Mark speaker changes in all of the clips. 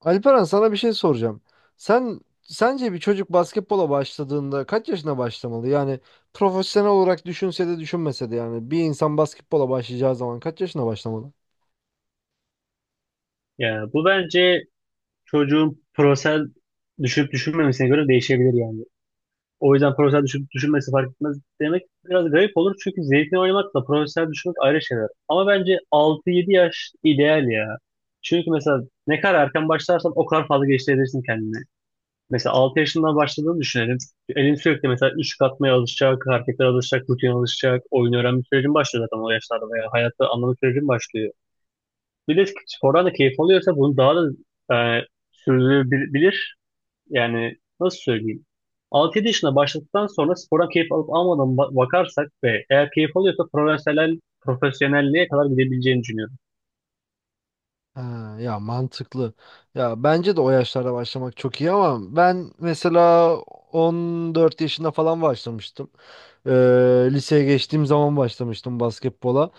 Speaker 1: Alperen sana bir şey soracağım. Sen sence bir çocuk basketbola başladığında kaç yaşına başlamalı? Yani profesyonel olarak düşünse de düşünmese de yani bir insan basketbola başlayacağı zaman kaç yaşına başlamalı?
Speaker 2: Ya bu bence çocuğun prosel düşünüp düşünmemesine göre değişebilir yani. O yüzden prosel düşünüp düşünmesi fark etmez demek biraz garip olur. Çünkü zevkini oynamakla prosel düşünmek ayrı şeyler. Ama bence altı yedi yaş ideal ya. Çünkü mesela ne kadar erken başlarsan o kadar fazla geliştirebilirsin kendini. Mesela 6 yaşından başladığını düşünelim. Elin sürekli mesela üçlük atmaya alışacak, hareketlere alışacak, rutin alışacak. Oyun öğrenme sürecin başlıyor zaten o yaşlarda veya hayatta anlama sürecin başlıyor, bir de spordan da keyif alıyorsa bunu daha da e, sürdürebilir. Yani nasıl söyleyeyim? 6-7 yaşında başladıktan sonra spordan keyif alıp almadan bakarsak ve eğer keyif alıyorsa profesyonelliğe kadar gidebileceğini düşünüyorum.
Speaker 1: Ha, ya mantıklı. Ya bence de o yaşlarda başlamak çok iyi ama ben mesela 14 yaşında falan başlamıştım. Ee, Liseye geçtiğim zaman başlamıştım basketbola.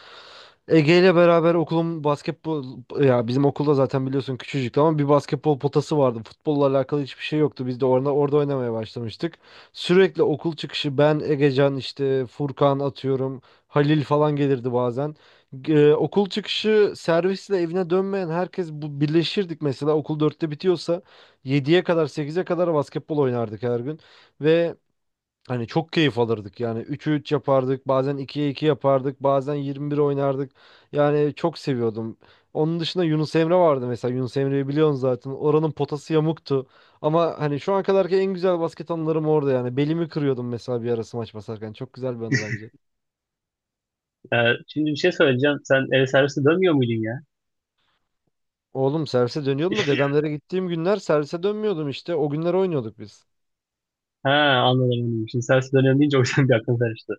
Speaker 1: Ege ile beraber okulun basketbol ya bizim okulda zaten biliyorsun küçücüktü ama bir basketbol potası vardı. Futbolla alakalı hiçbir şey yoktu. Biz de orada oynamaya başlamıştık. Sürekli okul çıkışı ben, Egecan işte Furkan atıyorum. Halil falan gelirdi bazen. Okul çıkışı servisle evine dönmeyen herkes bu birleşirdik mesela okul dörtte bitiyorsa yediye kadar sekize kadar basketbol oynardık her gün ve hani çok keyif alırdık yani 3'e 3 yapardık bazen ikiye 2 yapardık bazen 21 oynardık yani çok seviyordum. Onun dışında Yunus Emre vardı mesela Yunus Emre'yi biliyorsun zaten oranın potası yamuktu ama hani şu ana kadarki en güzel basket anılarım orada yani belimi kırıyordum mesela bir ara smaç basarken çok güzel bir anı bence.
Speaker 2: E, Şimdi bir şey söyleyeceğim. Sen el servisi dönmüyor muydun ya?
Speaker 1: Oğlum servise dönüyordum da dedemlere gittiğim günler servise dönmüyordum işte o günler oynuyorduk biz.
Speaker 2: Ha, anladım, anladım. Şimdi servis dönüyorum deyince o yüzden bir aklım karıştı.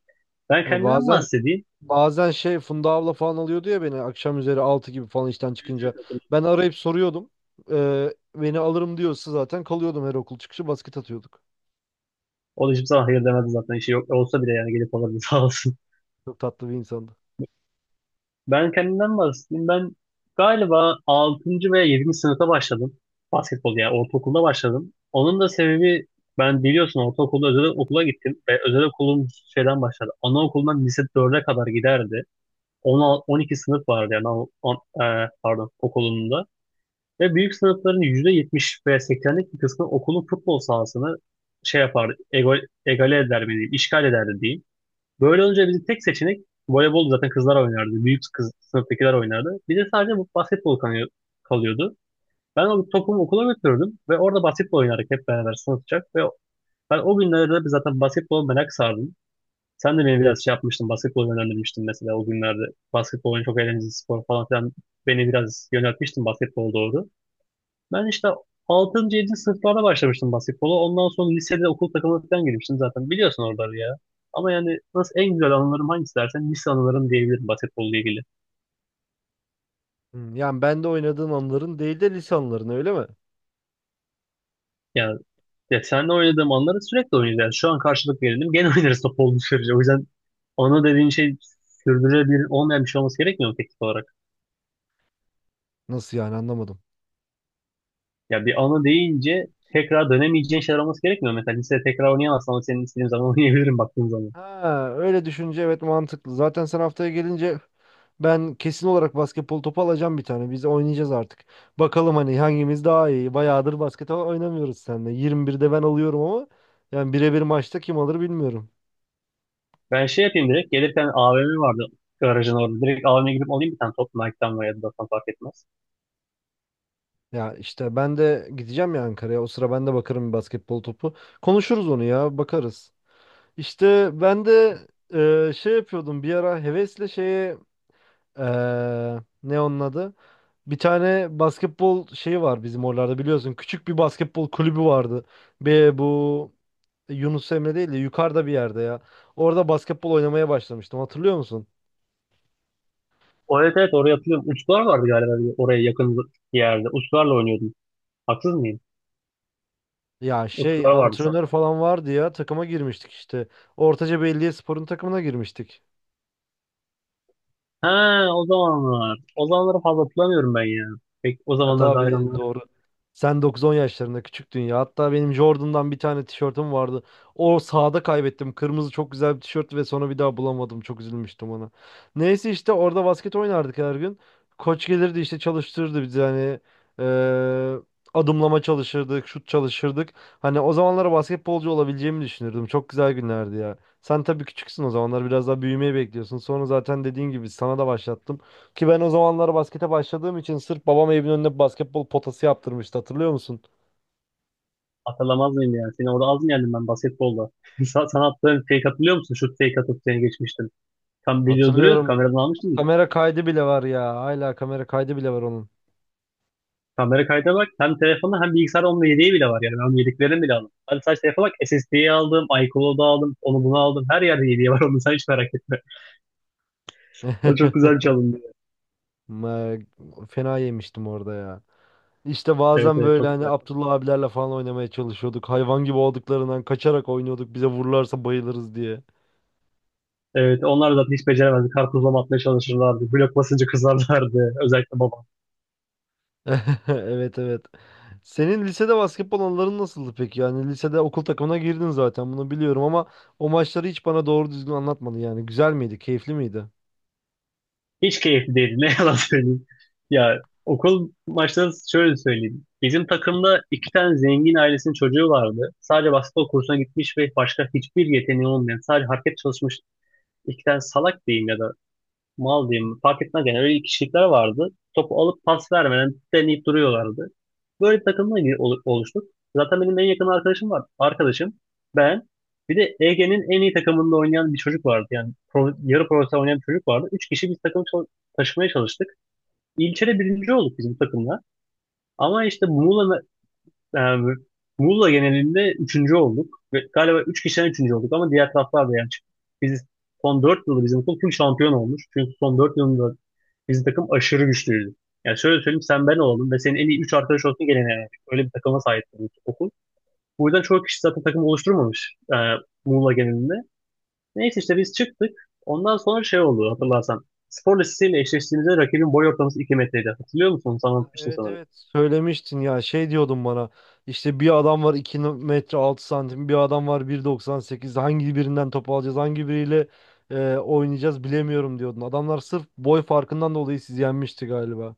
Speaker 2: Ben
Speaker 1: Ha,
Speaker 2: kendimden
Speaker 1: bazen
Speaker 2: bahsedeyim.
Speaker 1: Bazen şey Funda abla falan alıyordu ya beni akşam üzeri 6 gibi falan işten
Speaker 2: Evet,
Speaker 1: çıkınca.
Speaker 2: hatırladım.
Speaker 1: Ben arayıp soruyordum. Beni alırım diyorsa zaten kalıyordum her okul çıkışı basket atıyorduk.
Speaker 2: O da hiçbir zaman hayır demedi zaten. İşi yok olsa bile yani gelip alırdı sağ olsun.
Speaker 1: Çok tatlı bir insandı.
Speaker 2: Ben kendimden bahsedeyim. Ben galiba altıncı veya yedinci sınıfta başladım. Basketbol yani ortaokulda başladım. Onun da sebebi, ben biliyorsun ortaokulda özel okula gittim ve özel okulum şeyden başladı. Anaokulundan lise dörde kadar giderdi. On altı on iki sınıf vardı yani pardon, okulunda. Ve büyük sınıfların %70 veya 80'lik bir kısmı okulun futbol sahasını şey yapardı, egale eder mi diyeyim, işgal ederdi diyeyim. Böyle olunca bizim tek seçenek voleybol, zaten kızlar oynardı. Büyük kız sınıftakiler oynardı. Bir de sadece bu basketbol kalıyordu. Ben o topumu okula götürürdüm ve orada basketbol oynardık hep beraber sınıfça. Ve ben o günlerde zaten basketbol merak sardım. Sen de beni biraz şey yapmıştın, basketbol yönlendirmiştin mesela o günlerde. Basketbolun çok eğlenceli spor falan filan. Beni biraz yöneltmiştin basketbol doğru. Ben işte altıncı, yedinci sınıflarda başlamıştım basketbola. Ondan sonra lisede okul takımına falan girmiştim zaten. Biliyorsun oraları ya. Ama yani nasıl, en güzel anılarım hangisi dersen lise anılarım diyebilirim basketbolla ilgili.
Speaker 1: Hmm, yani ben de oynadığın anların değil de lise anıların öyle mi?
Speaker 2: Yani ya seninle oynadığım anları sürekli oynayacağız. Yani şu an karşılık verelim. Gene oynarız top olduğu sürece. O yüzden anı dediğin şey sürdürülebilir olmayan bir şey olması gerekmiyor mu teknik olarak?
Speaker 1: Nasıl yani anlamadım.
Speaker 2: Ya bir anı deyince tekrar dönemeyeceğin şeyler olması gerekmiyor mu? Mesela lisede tekrar oynayamazsan ama senin istediğin zaman oynayabilirim baktığın zaman.
Speaker 1: Ha öyle düşünce evet mantıklı. Zaten sen haftaya gelince ben kesin olarak basketbol topu alacağım bir tane. Biz oynayacağız artık. Bakalım hani hangimiz daha iyi. Bayağıdır basket oynamıyoruz seninle. 21'de ben alıyorum ama yani birebir maçta kim alır bilmiyorum.
Speaker 2: Ben şey yapayım direkt. Gelirken AVM vardı garajın orada. Direkt AVM'ye gidip alayım bir tane top. Nike'dan veya Adidas'tan fark etmez.
Speaker 1: Ya işte ben de gideceğim ya Ankara'ya. O sıra ben de bakarım bir basketbol topu. Konuşuruz onu ya, bakarız. İşte ben de şey yapıyordum bir ara hevesle şeye e, ne onun adı? Bir tane basketbol şeyi var bizim oralarda biliyorsun. Küçük bir basketbol kulübü vardı. Bir bu Yunus Emre değil de yukarıda bir yerde ya. Orada basketbol oynamaya başlamıştım. Hatırlıyor musun?
Speaker 2: O, evet evet, oraya hatırlıyorum. Utkular vardı galiba bir oraya yakın bir yerde. Utkularla oynuyordum. Haksız mıyım?
Speaker 1: Ya şey
Speaker 2: Utkular vardı sanki.
Speaker 1: antrenör falan vardı ya takıma girmiştik işte. Ortaca Belediyespor'un takımına girmiştik.
Speaker 2: Ha, o zamanlar. O zamanları fazla hatırlamıyorum ben ya. Pek o
Speaker 1: Ha,
Speaker 2: zamanlar
Speaker 1: tabii
Speaker 2: dair onları
Speaker 1: doğru. Sen 9-10 yaşlarında küçüktün ya. Hatta benim Jordan'dan bir tane tişörtüm vardı. O sahada kaybettim. Kırmızı çok güzel bir tişört ve sonra bir daha bulamadım. Çok üzülmüştüm ona. Neyse işte orada basket oynardık her gün. Koç gelirdi işte çalıştırırdı bizi hani eee, adımlama çalışırdık, şut çalışırdık. Hani o zamanlara basketbolcu olabileceğimi düşünürdüm. Çok güzel günlerdi ya. Sen tabii küçüksün o zamanlar biraz daha büyümeyi bekliyorsun. Sonra zaten dediğin gibi sana da başlattım. Ki ben o zamanlar baskete başladığım için sırf babam evimin önüne basketbol potası yaptırmıştı. Hatırlıyor musun?
Speaker 2: hatırlamaz mıyım yani? Seni orada az mı yendim ben basketbolda? Sana attığın fake hatırlıyor musun? Şut fake atıp seni geçmiştim. Tam video duruyordu.
Speaker 1: Hatırlıyorum.
Speaker 2: Kameradan almıştım.
Speaker 1: Kamera kaydı bile var ya. Hala kamera kaydı bile var onun.
Speaker 2: Kamera kaydına bak. Hem telefonu hem bilgisayar onun yedeği bile var. Yani ben onun yedeklerini bile aldım. Hadi sadece telefona bak. SSD'yi aldım. iCloud'u aldım. Onu bunu aldım. Her yerde yedeği var. Onu sen hiç merak etme. O çok güzel çalındı.
Speaker 1: Ma- Fena yemiştim orada ya. İşte
Speaker 2: Evet
Speaker 1: bazen
Speaker 2: evet,
Speaker 1: böyle
Speaker 2: çok
Speaker 1: hani
Speaker 2: güzel.
Speaker 1: Abdullah abilerle falan oynamaya çalışıyorduk. Hayvan gibi olduklarından kaçarak oynuyorduk. Bize vururlarsa bayılırız diye.
Speaker 2: Evet, onlar da zaten hiç beceremezdi. Karpuzlama atmaya çalışırlardı. Blok basınca kızarlardı. Özellikle babam.
Speaker 1: Evet, evet. Senin lisede basketbol anıların nasıldı peki? Yani lisede okul takımına girdin zaten bunu biliyorum ama o maçları hiç bana doğru düzgün anlatmadın yani. Güzel miydi? Keyifli miydi?
Speaker 2: Hiç keyifli değildi. Ne yalan söyleyeyim. Ya okul maçları şöyle söyleyeyim. Bizim takımda iki tane zengin ailesinin çocuğu vardı. Sadece basketbol kursuna gitmiş ve başka hiçbir yeteneği olmayan, sadece hareket çalışmış iki tane salak diyeyim ya da mal diyeyim fark etmez, yani öyle kişilikler vardı. Topu alıp pas vermeden deneyip duruyorlardı. Böyle bir takımla oluştuk. Zaten benim en yakın arkadaşım var. Arkadaşım, ben, bir de Ege'nin en iyi takımında oynayan bir çocuk vardı. Yani yarı profesyonel oynayan bir çocuk vardı. Üç kişi biz takımı taşımaya çalıştık. İlçede birinci olduk bizim takımla. Ama işte e, Muğla genelinde üçüncü olduk. Ve galiba üç kişiden üçüncü olduk ama diğer taraflar da yani çıktı. Biz son dört yılda bizim okul tüm şampiyon olmuş. Çünkü son dört yılında bizim takım aşırı güçlüydü. Yani şöyle söyleyeyim, sen ben olalım ve senin en iyi 3 arkadaş olsun gene yani. Öyle bir takıma sahip bu okul. Bu yüzden çoğu kişi zaten takım oluşturmamış Muğla genelinde. Neyse işte biz çıktık. Ondan sonra şey oldu hatırlarsan. Spor lisesiyle eşleştiğimizde rakibin boy ortalaması 2 metreydi. Hatırlıyor musun? Sana anlatmıştım
Speaker 1: Evet,
Speaker 2: sanırım.
Speaker 1: evet, söylemiştin ya şey diyordun bana işte bir adam var 2.06 m bir adam var 1.98 hangi birinden top alacağız hangi biriyle oynayacağız bilemiyorum diyordun. Adamlar sırf boy farkından dolayı sizi yenmişti galiba.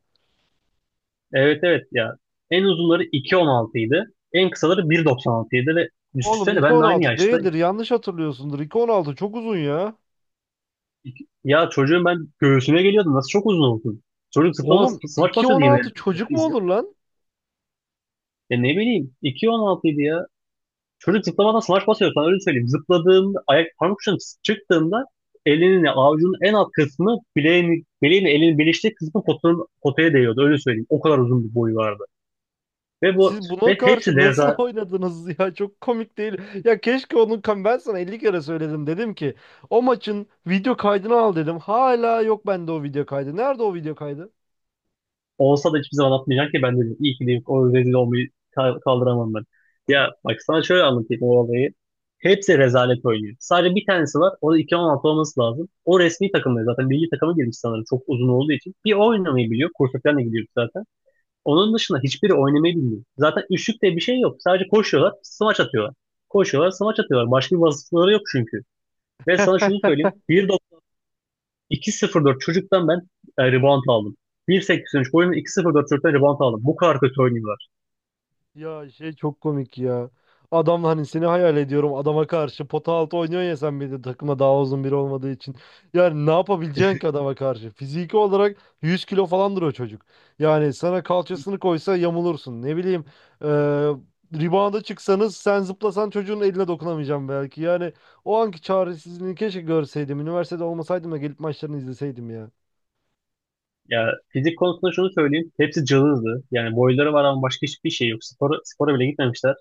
Speaker 2: Evet evet ya. En uzunları 2.16 idi. En kısaları 1.96 idi ve
Speaker 1: Oğlum
Speaker 2: düşünsene
Speaker 1: iki
Speaker 2: ben
Speaker 1: on
Speaker 2: de aynı
Speaker 1: altı
Speaker 2: yaşta.
Speaker 1: değildir yanlış hatırlıyorsundur 2.16 çok uzun ya.
Speaker 2: Ya çocuğun ben göğsüne geliyordum. Nasıl çok uzun oldum. Çocuk zıplama,
Speaker 1: Oğlum
Speaker 2: smaç
Speaker 1: iki
Speaker 2: basıyordu
Speaker 1: on
Speaker 2: yemeğe.
Speaker 1: altı çocuk mu olur lan?
Speaker 2: Ya ne bileyim 2.16 idi ya. Çocuk zıplamadan smaç basıyor, sana öyle söyleyeyim. Zıpladığında ayak parmak ucundan çıktığında elinin avucunun en alt kısmı bileğini elinin birleştiği kısmı potanın, potaya değiyordu, öyle söyleyeyim. O kadar uzun bir boyu vardı. Ve bu
Speaker 1: Siz
Speaker 2: ve
Speaker 1: buna
Speaker 2: hepsi
Speaker 1: karşı nasıl oynadınız ya? Çok komik değil. Ya keşke onun ben sana 50 kere söyledim dedim ki o maçın video kaydını al dedim. Hala yok bende o video kaydı. Nerede o video kaydı?
Speaker 2: Olsa da hiçbir zaman atmayacak ki ben dedim. İyi ki dedim, o rezil olmayı kaldıramam ben. Ya bak sana şöyle anlatayım o olayı. Hepsi rezalet oynuyor. Sadece bir tanesi var. O da 2016 olması lazım. O resmi takımda zaten milli takıma girmiş sanırım çok uzun olduğu için. Bir o oynamayı biliyor. Kursa falan da gidiyoruz zaten. Onun dışında hiçbiri oynamayı bilmiyor. Zaten üçlük diye bir şey yok. Sadece koşuyorlar, smaç atıyorlar. Koşuyorlar, smaç atıyorlar. Başka bir vasıfları yok çünkü. Ve sana şunu söyleyeyim, 2.04 çocuktan ben rebound aldım. 1.83 boyunda 2.04 çocuktan rebound aldım. Bu kadar kötü oynuyorlar.
Speaker 1: Ya şey çok komik ya. Adam hani seni hayal ediyorum adama karşı pota altı oynuyor ya sen bir de takıma daha uzun biri olmadığı için. Yani ne yapabileceksin ki adama karşı? Fiziki olarak 100 kilo falandır o çocuk. Yani sana kalçasını koysa yamulursun. Ne bileyim e, rebound'a çıksanız sen zıplasan çocuğun eline dokunamayacaksın belki. Yani o anki çaresizliğini keşke görseydim. Üniversitede olmasaydım da gelip maçlarını izleseydim ya.
Speaker 2: Ya fizik konusunda şunu söyleyeyim. Hepsi cılızdı. Yani boyları var ama başka hiçbir şey yok. Spora, spora bile gitmemişler.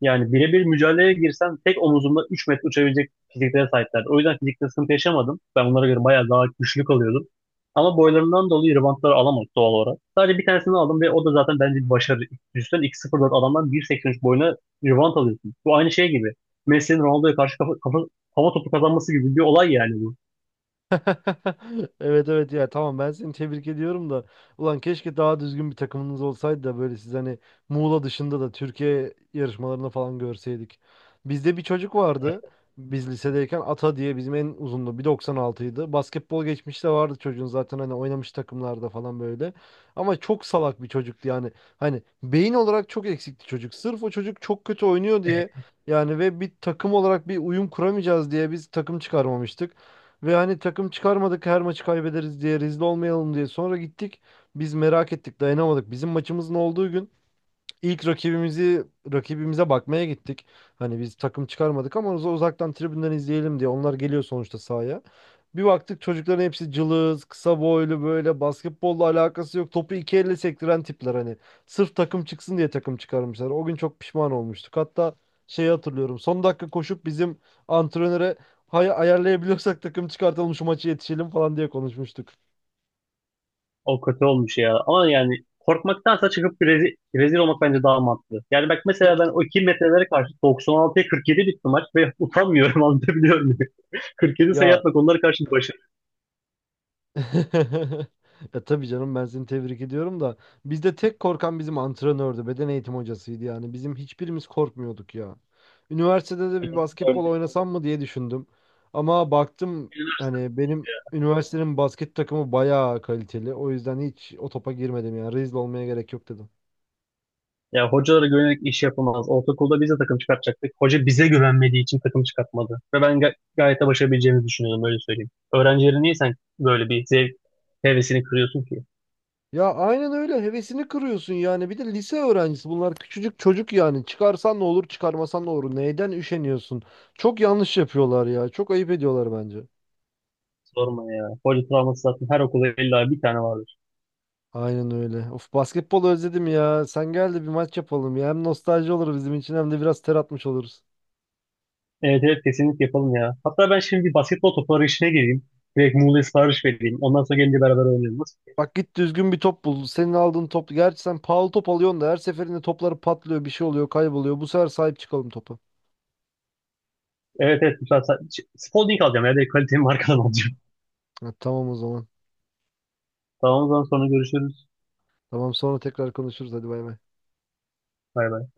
Speaker 2: Yani birebir mücadeleye girsem tek omuzumda 3 metre uçabilecek fiziklere sahiplerdi. O yüzden fizikte sıkıntı yaşamadım. Ben onlara göre bayağı daha güçlü kalıyordum. Ama boylarından dolayı rivantları alamadık doğal olarak. Sadece bir tanesini aldım ve o da zaten bence bir başarı. Üstten 2.04 adamdan 1.83 boyuna rivant alıyorsun. Bu aynı şey gibi. Messi'nin Ronaldo'ya karşı hava topu kazanması gibi bir olay yani bu.
Speaker 1: Evet, evet, ya tamam ben seni tebrik ediyorum da ulan keşke daha düzgün bir takımınız olsaydı da böyle siz hani Muğla dışında da Türkiye yarışmalarını falan görseydik. Bizde bir çocuk vardı biz lisedeyken Ata diye bizim en uzundu 1.96'ydı. Basketbol geçmişi de vardı çocuğun zaten hani oynamış takımlarda falan böyle. Ama çok salak bir çocuktu yani hani beyin olarak çok eksikti çocuk. Sırf o çocuk çok kötü oynuyor diye yani ve bir takım olarak bir uyum kuramayacağız diye biz takım çıkarmamıştık. Ve hani takım çıkarmadık her maçı kaybederiz diye rezil olmayalım diye. Sonra gittik biz merak ettik dayanamadık. Bizim maçımızın olduğu gün İlk rakibimizi rakibimize bakmaya gittik. Hani biz takım çıkarmadık ama uzaktan tribünden izleyelim diye. Onlar geliyor sonuçta sahaya. Bir baktık çocukların hepsi cılız, kısa boylu böyle basketbolla alakası yok. Topu iki elle sektiren tipler hani. Sırf takım çıksın diye takım çıkarmışlar. O gün çok pişman olmuştuk. Hatta şeyi hatırlıyorum. Son dakika koşup bizim antrenöre ayarlayabiliyorsak takım çıkartalım şu maçı yetişelim falan diye konuşmuştuk.
Speaker 2: O kötü olmuş ya. Ama yani korkmaktansa çıkıp rezil, rezil olmak bence daha mantıklı. Yani bak mesela ben o 2 metrelere karşı 96'ya 47 bitti maç ve utanmıyorum, anlatabiliyor muyum? 47 sayı
Speaker 1: Ya
Speaker 2: atmak onlara karşı bir başarı.
Speaker 1: E, tabii canım, ben seni tebrik ediyorum da bizde tek korkan bizim antrenördü, beden eğitim hocasıydı yani. Bizim hiçbirimiz korkmuyorduk ya. Üniversitede de bir
Speaker 2: Yani siz de öyle
Speaker 1: basketbol oynasam mı diye düşündüm. Ama baktım
Speaker 2: düşünürsün
Speaker 1: hani benim
Speaker 2: ya.
Speaker 1: üniversitenin basket takımı bayağı kaliteli. O yüzden hiç o topa girmedim yani. Rezil olmaya gerek yok dedim.
Speaker 2: Ya hocalara güvenerek iş yapılmaz. Ortaokulda biz de takım çıkartacaktık. Hoca bize güvenmediği için takım çıkartmadı. Ve ben gayet de başarabileceğimizi düşünüyorum, öyle söyleyeyim. Öğrencileri niye sen böyle bir zevk hevesini kırıyorsun ki?
Speaker 1: Ya aynen öyle, hevesini kırıyorsun yani. Bir de lise öğrencisi bunlar küçücük çocuk yani. Çıkarsan ne olur, çıkarmasan ne olur. Neyden üşeniyorsun? Çok yanlış yapıyorlar ya. Çok ayıp ediyorlar bence.
Speaker 2: Sorma ya. Hoca travması zaten her okulda illa bir tane var.
Speaker 1: Aynen öyle. Of, basketbol özledim ya. Sen gel de bir maç yapalım ya. Hem nostalji olur bizim için hem de biraz ter atmış oluruz.
Speaker 2: Evet evet, kesinlikle yapalım ya. Hatta ben şimdi bir basketbol topu arayışına gireyim. Direkt Muğla'ya sipariş vereyim. Ondan sonra gelince beraber oynayalım. Nasıl?
Speaker 1: Bak git düzgün bir top bul. Senin aldığın top. Gerçi sen pahalı top alıyorsun da her seferinde topları patlıyor, bir şey oluyor, kayboluyor. Bu sefer sahip çıkalım topa.
Speaker 2: Evet evet. Güzel. Spalding alacağım ya. Direkt kaliteli markadan alacağım.
Speaker 1: Ha, tamam o zaman.
Speaker 2: Tamam o zaman, sonra görüşürüz.
Speaker 1: Tamam, sonra tekrar konuşuruz. Hadi bay bay.
Speaker 2: Bay bay.